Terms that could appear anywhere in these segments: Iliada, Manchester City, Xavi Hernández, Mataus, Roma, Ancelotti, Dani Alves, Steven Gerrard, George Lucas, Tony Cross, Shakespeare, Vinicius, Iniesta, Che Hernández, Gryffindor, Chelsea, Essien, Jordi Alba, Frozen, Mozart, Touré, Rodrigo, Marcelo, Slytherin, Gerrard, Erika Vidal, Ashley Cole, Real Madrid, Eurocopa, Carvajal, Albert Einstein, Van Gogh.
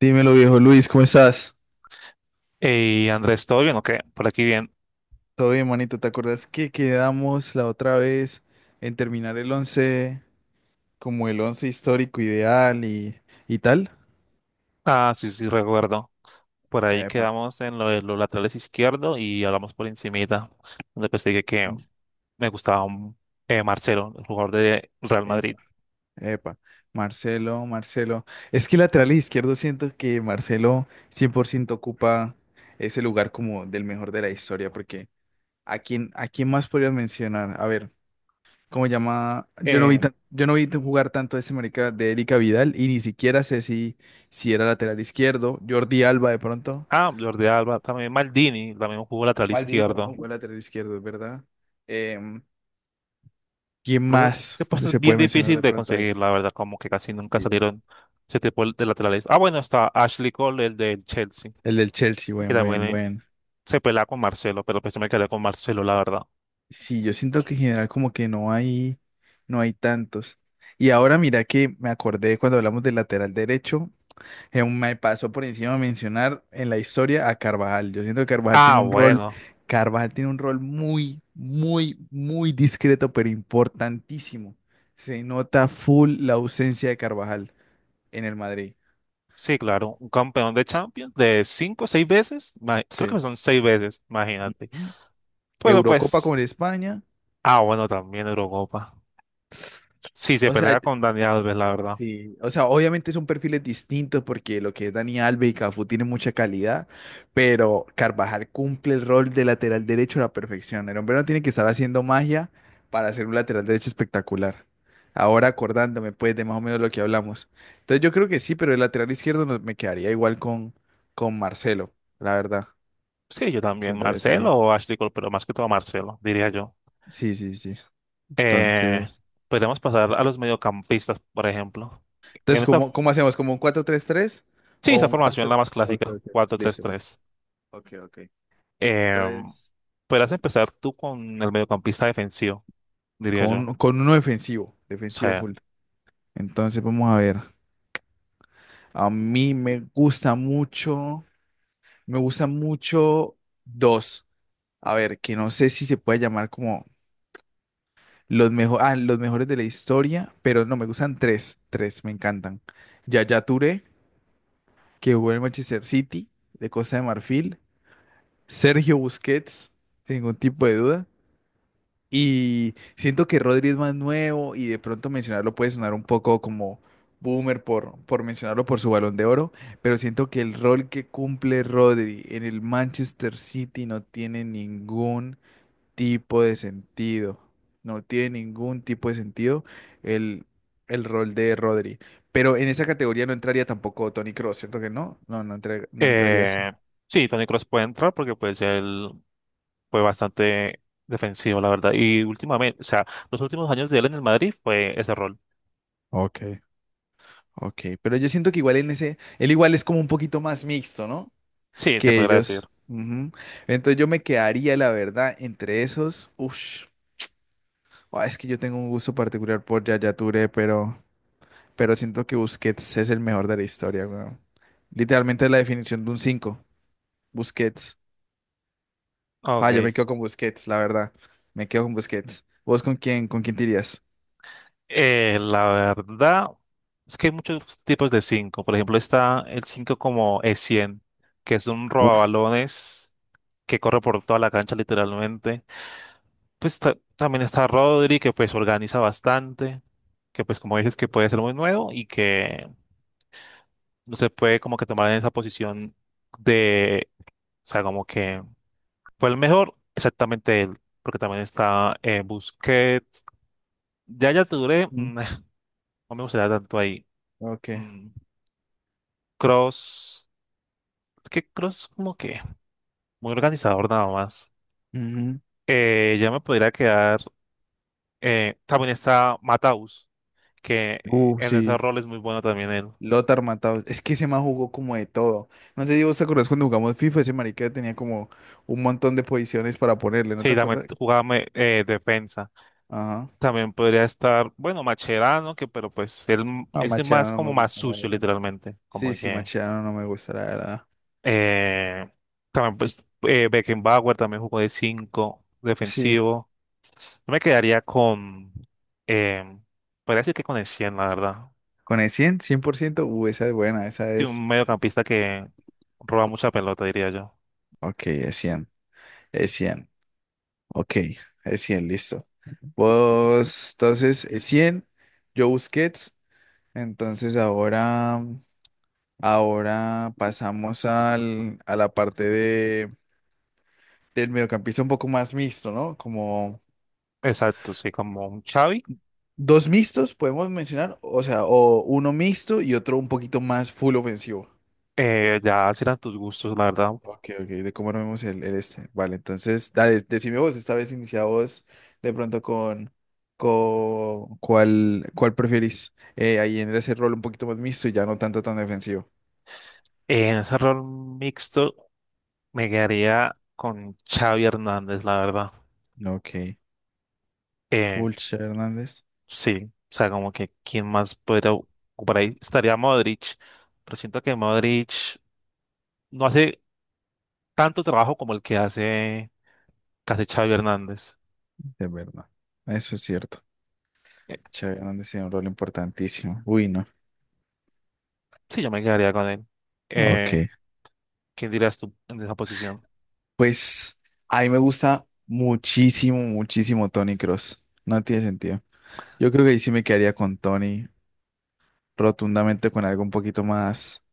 Dímelo, viejo Luis, ¿cómo estás? Hey, Andrés, ¿todo bien o qué? Por aquí bien. Todo bien, manito. ¿Te acuerdas que quedamos la otra vez en terminar el 11, como el 11 histórico ideal y tal? Ah, sí, sí, recuerdo. Por ahí Epa, quedamos en lo de los laterales izquierdo y hablamos por encimita, donde pues dije que me gustaba un, Marcelo, el jugador de Real epa, Madrid. epa. Marcelo, Marcelo. Es que lateral izquierdo siento que Marcelo 100% ocupa ese lugar como del mejor de la historia, porque a quién más podrías mencionar? A ver, ¿cómo se llama? Yo no vi Eh, tan- yo no vi tan- Jugar tanto a ese marica de Erika Vidal y ni siquiera sé si, si era lateral izquierdo. Jordi Alba de pronto. ah, Jordi Alba, también Maldini, también jugó lateral Maldini también izquierdo. jugó lateral izquierdo, es verdad. Em, ¿Quién Pero ese más puesto es se bien puede mencionar difícil de de pronto ahí? conseguir, la verdad, como que casi nunca Sí. salieron ese tipo de laterales. Ah, bueno, está Ashley Cole, el del Chelsea, El del Chelsea, que también buen. se pelea con Marcelo, pero pues yo me quedé con Marcelo, la verdad. Sí, yo siento que en general como que no hay tantos. Y ahora mira que me acordé cuando hablamos del lateral derecho. Me pasó por encima mencionar en la historia a Carvajal. Yo siento que Ah, bueno. Carvajal tiene un rol muy, muy, muy discreto, pero importantísimo. Se nota full la ausencia de Carvajal en el Madrid. Sí, claro, un campeón de Champions de cinco o seis veces, creo que Sí. son seis veces, imagínate. Ujú. Pero Eurocopa pues, con España. ah, bueno, también Eurocopa. Sí, se O sea, pelea con Dani Alves, la verdad. sí, o sea, obviamente son perfiles distintos porque lo que es Dani Alves y Cafú tiene mucha calidad, pero Carvajal cumple el rol de lateral derecho a la perfección. El hombre no tiene que estar haciendo magia para hacer un lateral derecho espectacular. Ahora acordándome pues de más o menos lo que hablamos. Entonces yo creo que sí, pero el lateral izquierdo no- me quedaría igual con Marcelo, la verdad. Sí, yo también, Siento que sí. Marcelo o Ashley Cole, pero más que todo Marcelo, diría yo. Sí, sí, sí. Eh, Entonces, Podemos pasar a los mediocampistas, por ejemplo. En entonces esta, ¿cómo, cómo hacemos? ¿Como un cuatro tres tres sí, o esta un formación la 4? más Ok, clásica, ok. cuatro tres Listo, listo. tres. Ok, ok. Eh, Entonces, Podrás empezar tú con el mediocampista defensivo, diría yo. Con uno defensivo, Sí. defensivo full. Entonces, vamos a ver. A mí me gusta mucho dos. A ver, que no sé si se puede llamar como los mejores, los mejores de la historia, pero no, me gustan tres, me encantan. Yaya Touré, que jugó en el Manchester City, de Costa de Marfil. Sergio Busquets, sin ningún tipo de duda. Y siento que Rodri es más nuevo y de pronto mencionarlo puede sonar un poco como boomer por mencionarlo por su Balón de Oro, pero siento que el rol que cumple Rodri en el Manchester City no tiene ningún tipo de sentido. No tiene ningún tipo de sentido el, el rol de Rodri. Pero en esa categoría no entraría tampoco Tony Cross, ¿cierto que no? No, no, no entraría así. Eh, sí, Tony Cross puede entrar porque pues él fue bastante defensivo, la verdad. Y últimamente, o sea, los últimos años de él en el Madrid fue ese rol. Ok, ok, pero yo siento que igual en ese, él igual es como un poquito más mixto, ¿no? Sí, se Que podría decir. ellos. Ujú. Entonces yo me quedaría, la verdad, entre esos. Ush. Ah, es que yo tengo un gusto particular por Yaya Touré, pero siento que Busquets es el mejor de la historia, weón. Literalmente es la definición de un 5 Busquets. Ah, yo Ok. me quedo con Busquets, la verdad. Me quedo con Busquets. ¿Vos con quién te irías? La verdad es que hay muchos tipos de 5. Por ejemplo, está el 5 como E100, que es un Uf. robabalones que corre por toda la cancha literalmente. Pues también está Rodri, que pues organiza bastante, que pues como dices que puede ser muy nuevo y que usted puede como que tomar en esa posición de, o sea, como que fue el mejor, exactamente él, porque también está Busquets, ya ya Touré, Mm. mm, no me gustaría tanto ahí, Ok. mm, Cross, es que Cross como que muy organizador nada más, Ujú. Ya me podría quedar, también está Mataus, que en ese Sí. rol es muy bueno también él, Lothar Matthäus. Es que ese man jugó como de todo. No sé si vos te acordás cuando jugamos FIFA, ese marica tenía como un montón de posiciones para ponerle, ¿no te sí, también acordás? jugaba defensa. Ajá. También podría estar, bueno, Macherano, que pero pues él Ah, es el más Macherano no como me más gusta, la sucio verdad. literalmente, como Sí, sí, que Macherano no me gusta, la verdad. eh, también pues Beckenbauer también jugó de 5 Sí. defensivo. Yo me quedaría con eh, podría decir que con el 100 la verdad. Con el cien cien por ciento esa es buena, esa Sí, es. un mediocampista que roba mucha pelota, diría yo. Ok, es cien Ok, es 100 listo. Vos, entonces, es 100 yo Busquets. Entonces ahora, ahora pasamos a la parte de... del mediocampista un poco más mixto, ¿no? Como Exacto, sí, como un Xavi. dos mixtos podemos mencionar, o sea, o uno mixto y otro un poquito más full ofensivo. Ya serán tus gustos, la verdad. Ok, ok, de cómo nos vemos el este. Vale, entonces, dale, decime vos, esta vez inicia vos de pronto con cuál preferís ahí en ese rol un poquito más mixto y ya no tanto tan defensivo. En ese rol mixto me quedaría con Xavi Hernández, la verdad. Ok, Eh, Fulcher Hernández, Sí, o sea, como que quién más podría ocupar ahí. Estaría Modric, pero siento que Modric no hace tanto trabajo como el que hace casi Xavi Hernández. de verdad. Eso es cierto. Eh, Che Hernández tiene un rol importantísimo. Uy, no. sí, yo me quedaría con él. Eh, Ok. ¿Quién dirías tú en esa posición? Pues a mí me gusta muchísimo, muchísimo Tony Cross. No tiene sentido. Yo creo que ahí sí me quedaría con Tony, rotundamente con algo un poquito más,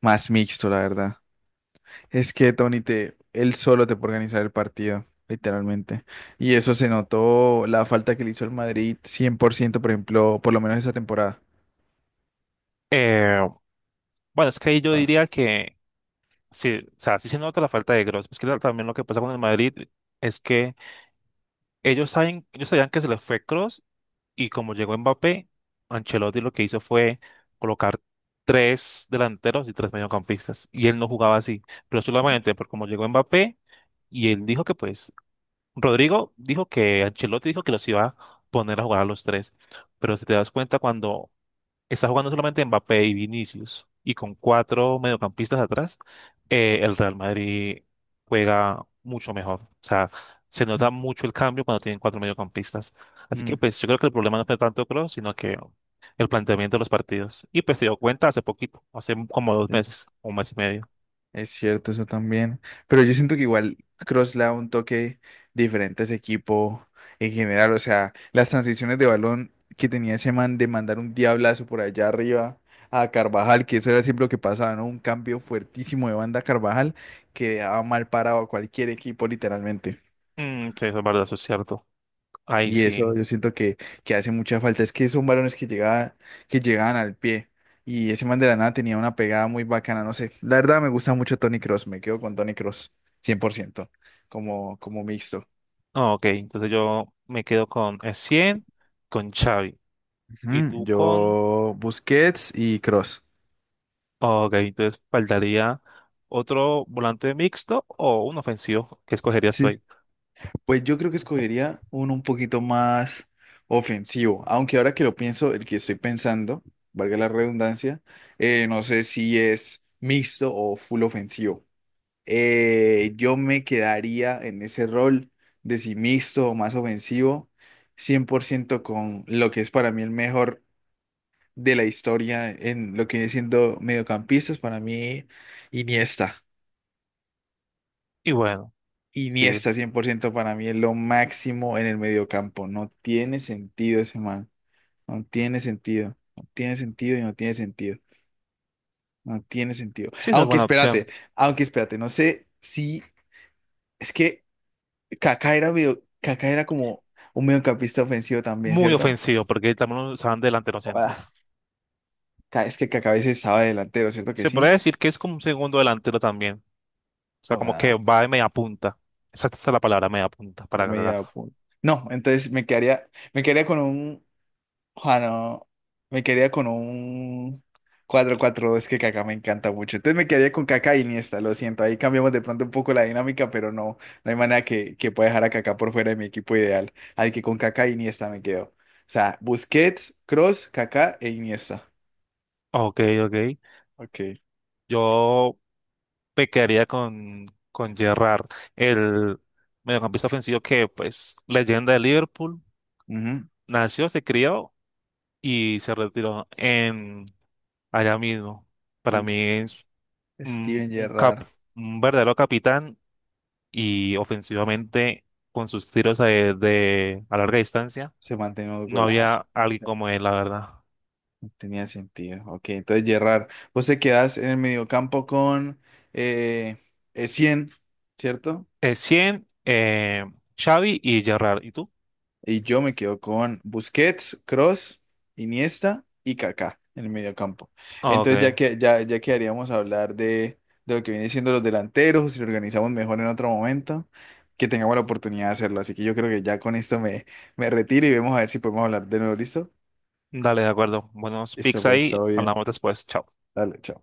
más mixto, la verdad. Es que Tony te, él solo te puede organizar el partido, literalmente. Y eso se notó la falta que le hizo el Madrid 100%, por ciento, por ejemplo, por lo menos esa temporada. Eh, bueno, es que ahí yo Ah, diría que sí, o sea, sí se nota la falta de Kroos. Es que también lo que pasa con el Madrid es que ellos saben, ellos sabían que se les fue Kroos. Y como llegó Mbappé, Ancelotti lo que hizo fue colocar tres delanteros y tres mediocampistas. Y él no jugaba así, pero solamente por como llegó Mbappé y él dijo que pues, Rodrigo dijo que Ancelotti dijo que los iba a poner a jugar a los tres. Pero si te das cuenta, cuando está jugando solamente Mbappé y Vinicius, y con cuatro mediocampistas atrás, el Real Madrid juega mucho mejor. O sea, se sí. nota mucho el cambio cuando tienen cuatro mediocampistas. Así que pues yo creo que el problema no fue tanto Kroos, sino que el planteamiento de los partidos. Y pues se dio cuenta hace poquito, hace como dos Mm. meses, un mes y medio. Es cierto, eso también. Pero yo siento que igual Kroos le da un toque diferente a ese equipo en general. O sea, las transiciones de balón que tenía ese man de mandar un diablazo por allá arriba a Carvajal, que eso era siempre lo que pasaba, ¿no? Un cambio fuertísimo de banda a Carvajal que dejaba mal parado a cualquier equipo, literalmente. Mm, sí, eso es verdad, eso es cierto. Ahí Y eso sí. yo siento que hace mucha falta. Es que son varones que llegaban al pie. Y ese man de la nada tenía una pegada muy bacana. No sé. La verdad me gusta mucho Tony Cross. Me quedo con Tony Cross cien por ciento. Como, como mixto. Ah, ok, entonces yo me quedo con 100, con Xavi. ¿Y Ujú, tú con? yo Busquets y Cross. Ok, entonces faltaría otro volante mixto o un ofensivo que escogerías tú Sí. ahí. Pues yo creo que escogería uno un poquito más ofensivo, aunque ahora que lo pienso, el que estoy pensando, valga la redundancia, no sé si es mixto o full ofensivo. Yo me quedaría en ese rol de si mixto o más ofensivo, 100% con lo que es para mí el mejor de la historia en lo que viene siendo mediocampistas, para mí Iniesta. Y bueno, sí, Iniesta 100% para mí es lo máximo en el mediocampo. No tiene sentido ese man. No tiene sentido. No tiene sentido y no tiene sentido. No tiene sentido. sí, esa es Aunque buena opción. espérate, aunque espérate, no sé si es que Kaká era como un mediocampista ofensivo también, Muy ¿cierto? ofensivo, porque también usaban delantero Joda. centro. Es que Kaká a veces estaba delantero, ¿cierto que Se podría sí? decir que es como un segundo delantero también. O sea, como que Joda, va de media punta. Esa es la palabra, media punta, para un cagar. media punta. No, me quedaría con un, ah, no, me quedaría con un cuatro cuatro 2 que Kaká me encanta mucho. Entonces me quedaría con Kaká y Iniesta, lo siento. Ahí cambiamos de pronto un poco la dinámica, pero no, no hay manera que pueda dejar a Kaká por fuera de mi equipo ideal. Así que con Kaká y Iniesta me quedo. O sea, Busquets, Cross, Kaká e Iniesta. Ok, ok. Ok. Yo me quedaría con, Gerrard, el mediocampista ofensivo que, pues, leyenda de Liverpool. Ujú. Nació, se crió y se retiró en allá mismo. Para Mm. mí es un, Steven un cap, Gerrard un verdadero capitán y ofensivamente con sus tiros a larga distancia se mantiene un no golazo. había alguien como él, la verdad. Tenía sentido. Ok, entonces Gerrard, vos te quedás en el mediocampo con eh, Essien, ¿cierto? 100, Xavi y Gerrard. ¿Y tú? Y yo me quedo con Busquets, Cross, Iniesta y Kaká en el mediocampo. Entonces Ok, ya quedaríamos a hablar de lo que viene siendo los delanteros, si lo organizamos mejor en otro momento, que tengamos la oportunidad de hacerlo. Así que yo creo que ya con esto me retiro y vemos a ver si podemos hablar de nuevo, ¿listo? dale, de acuerdo. Buenos Listo, picks pues, ahí. todo bien. Hablamos después. Chao. Dale, chao.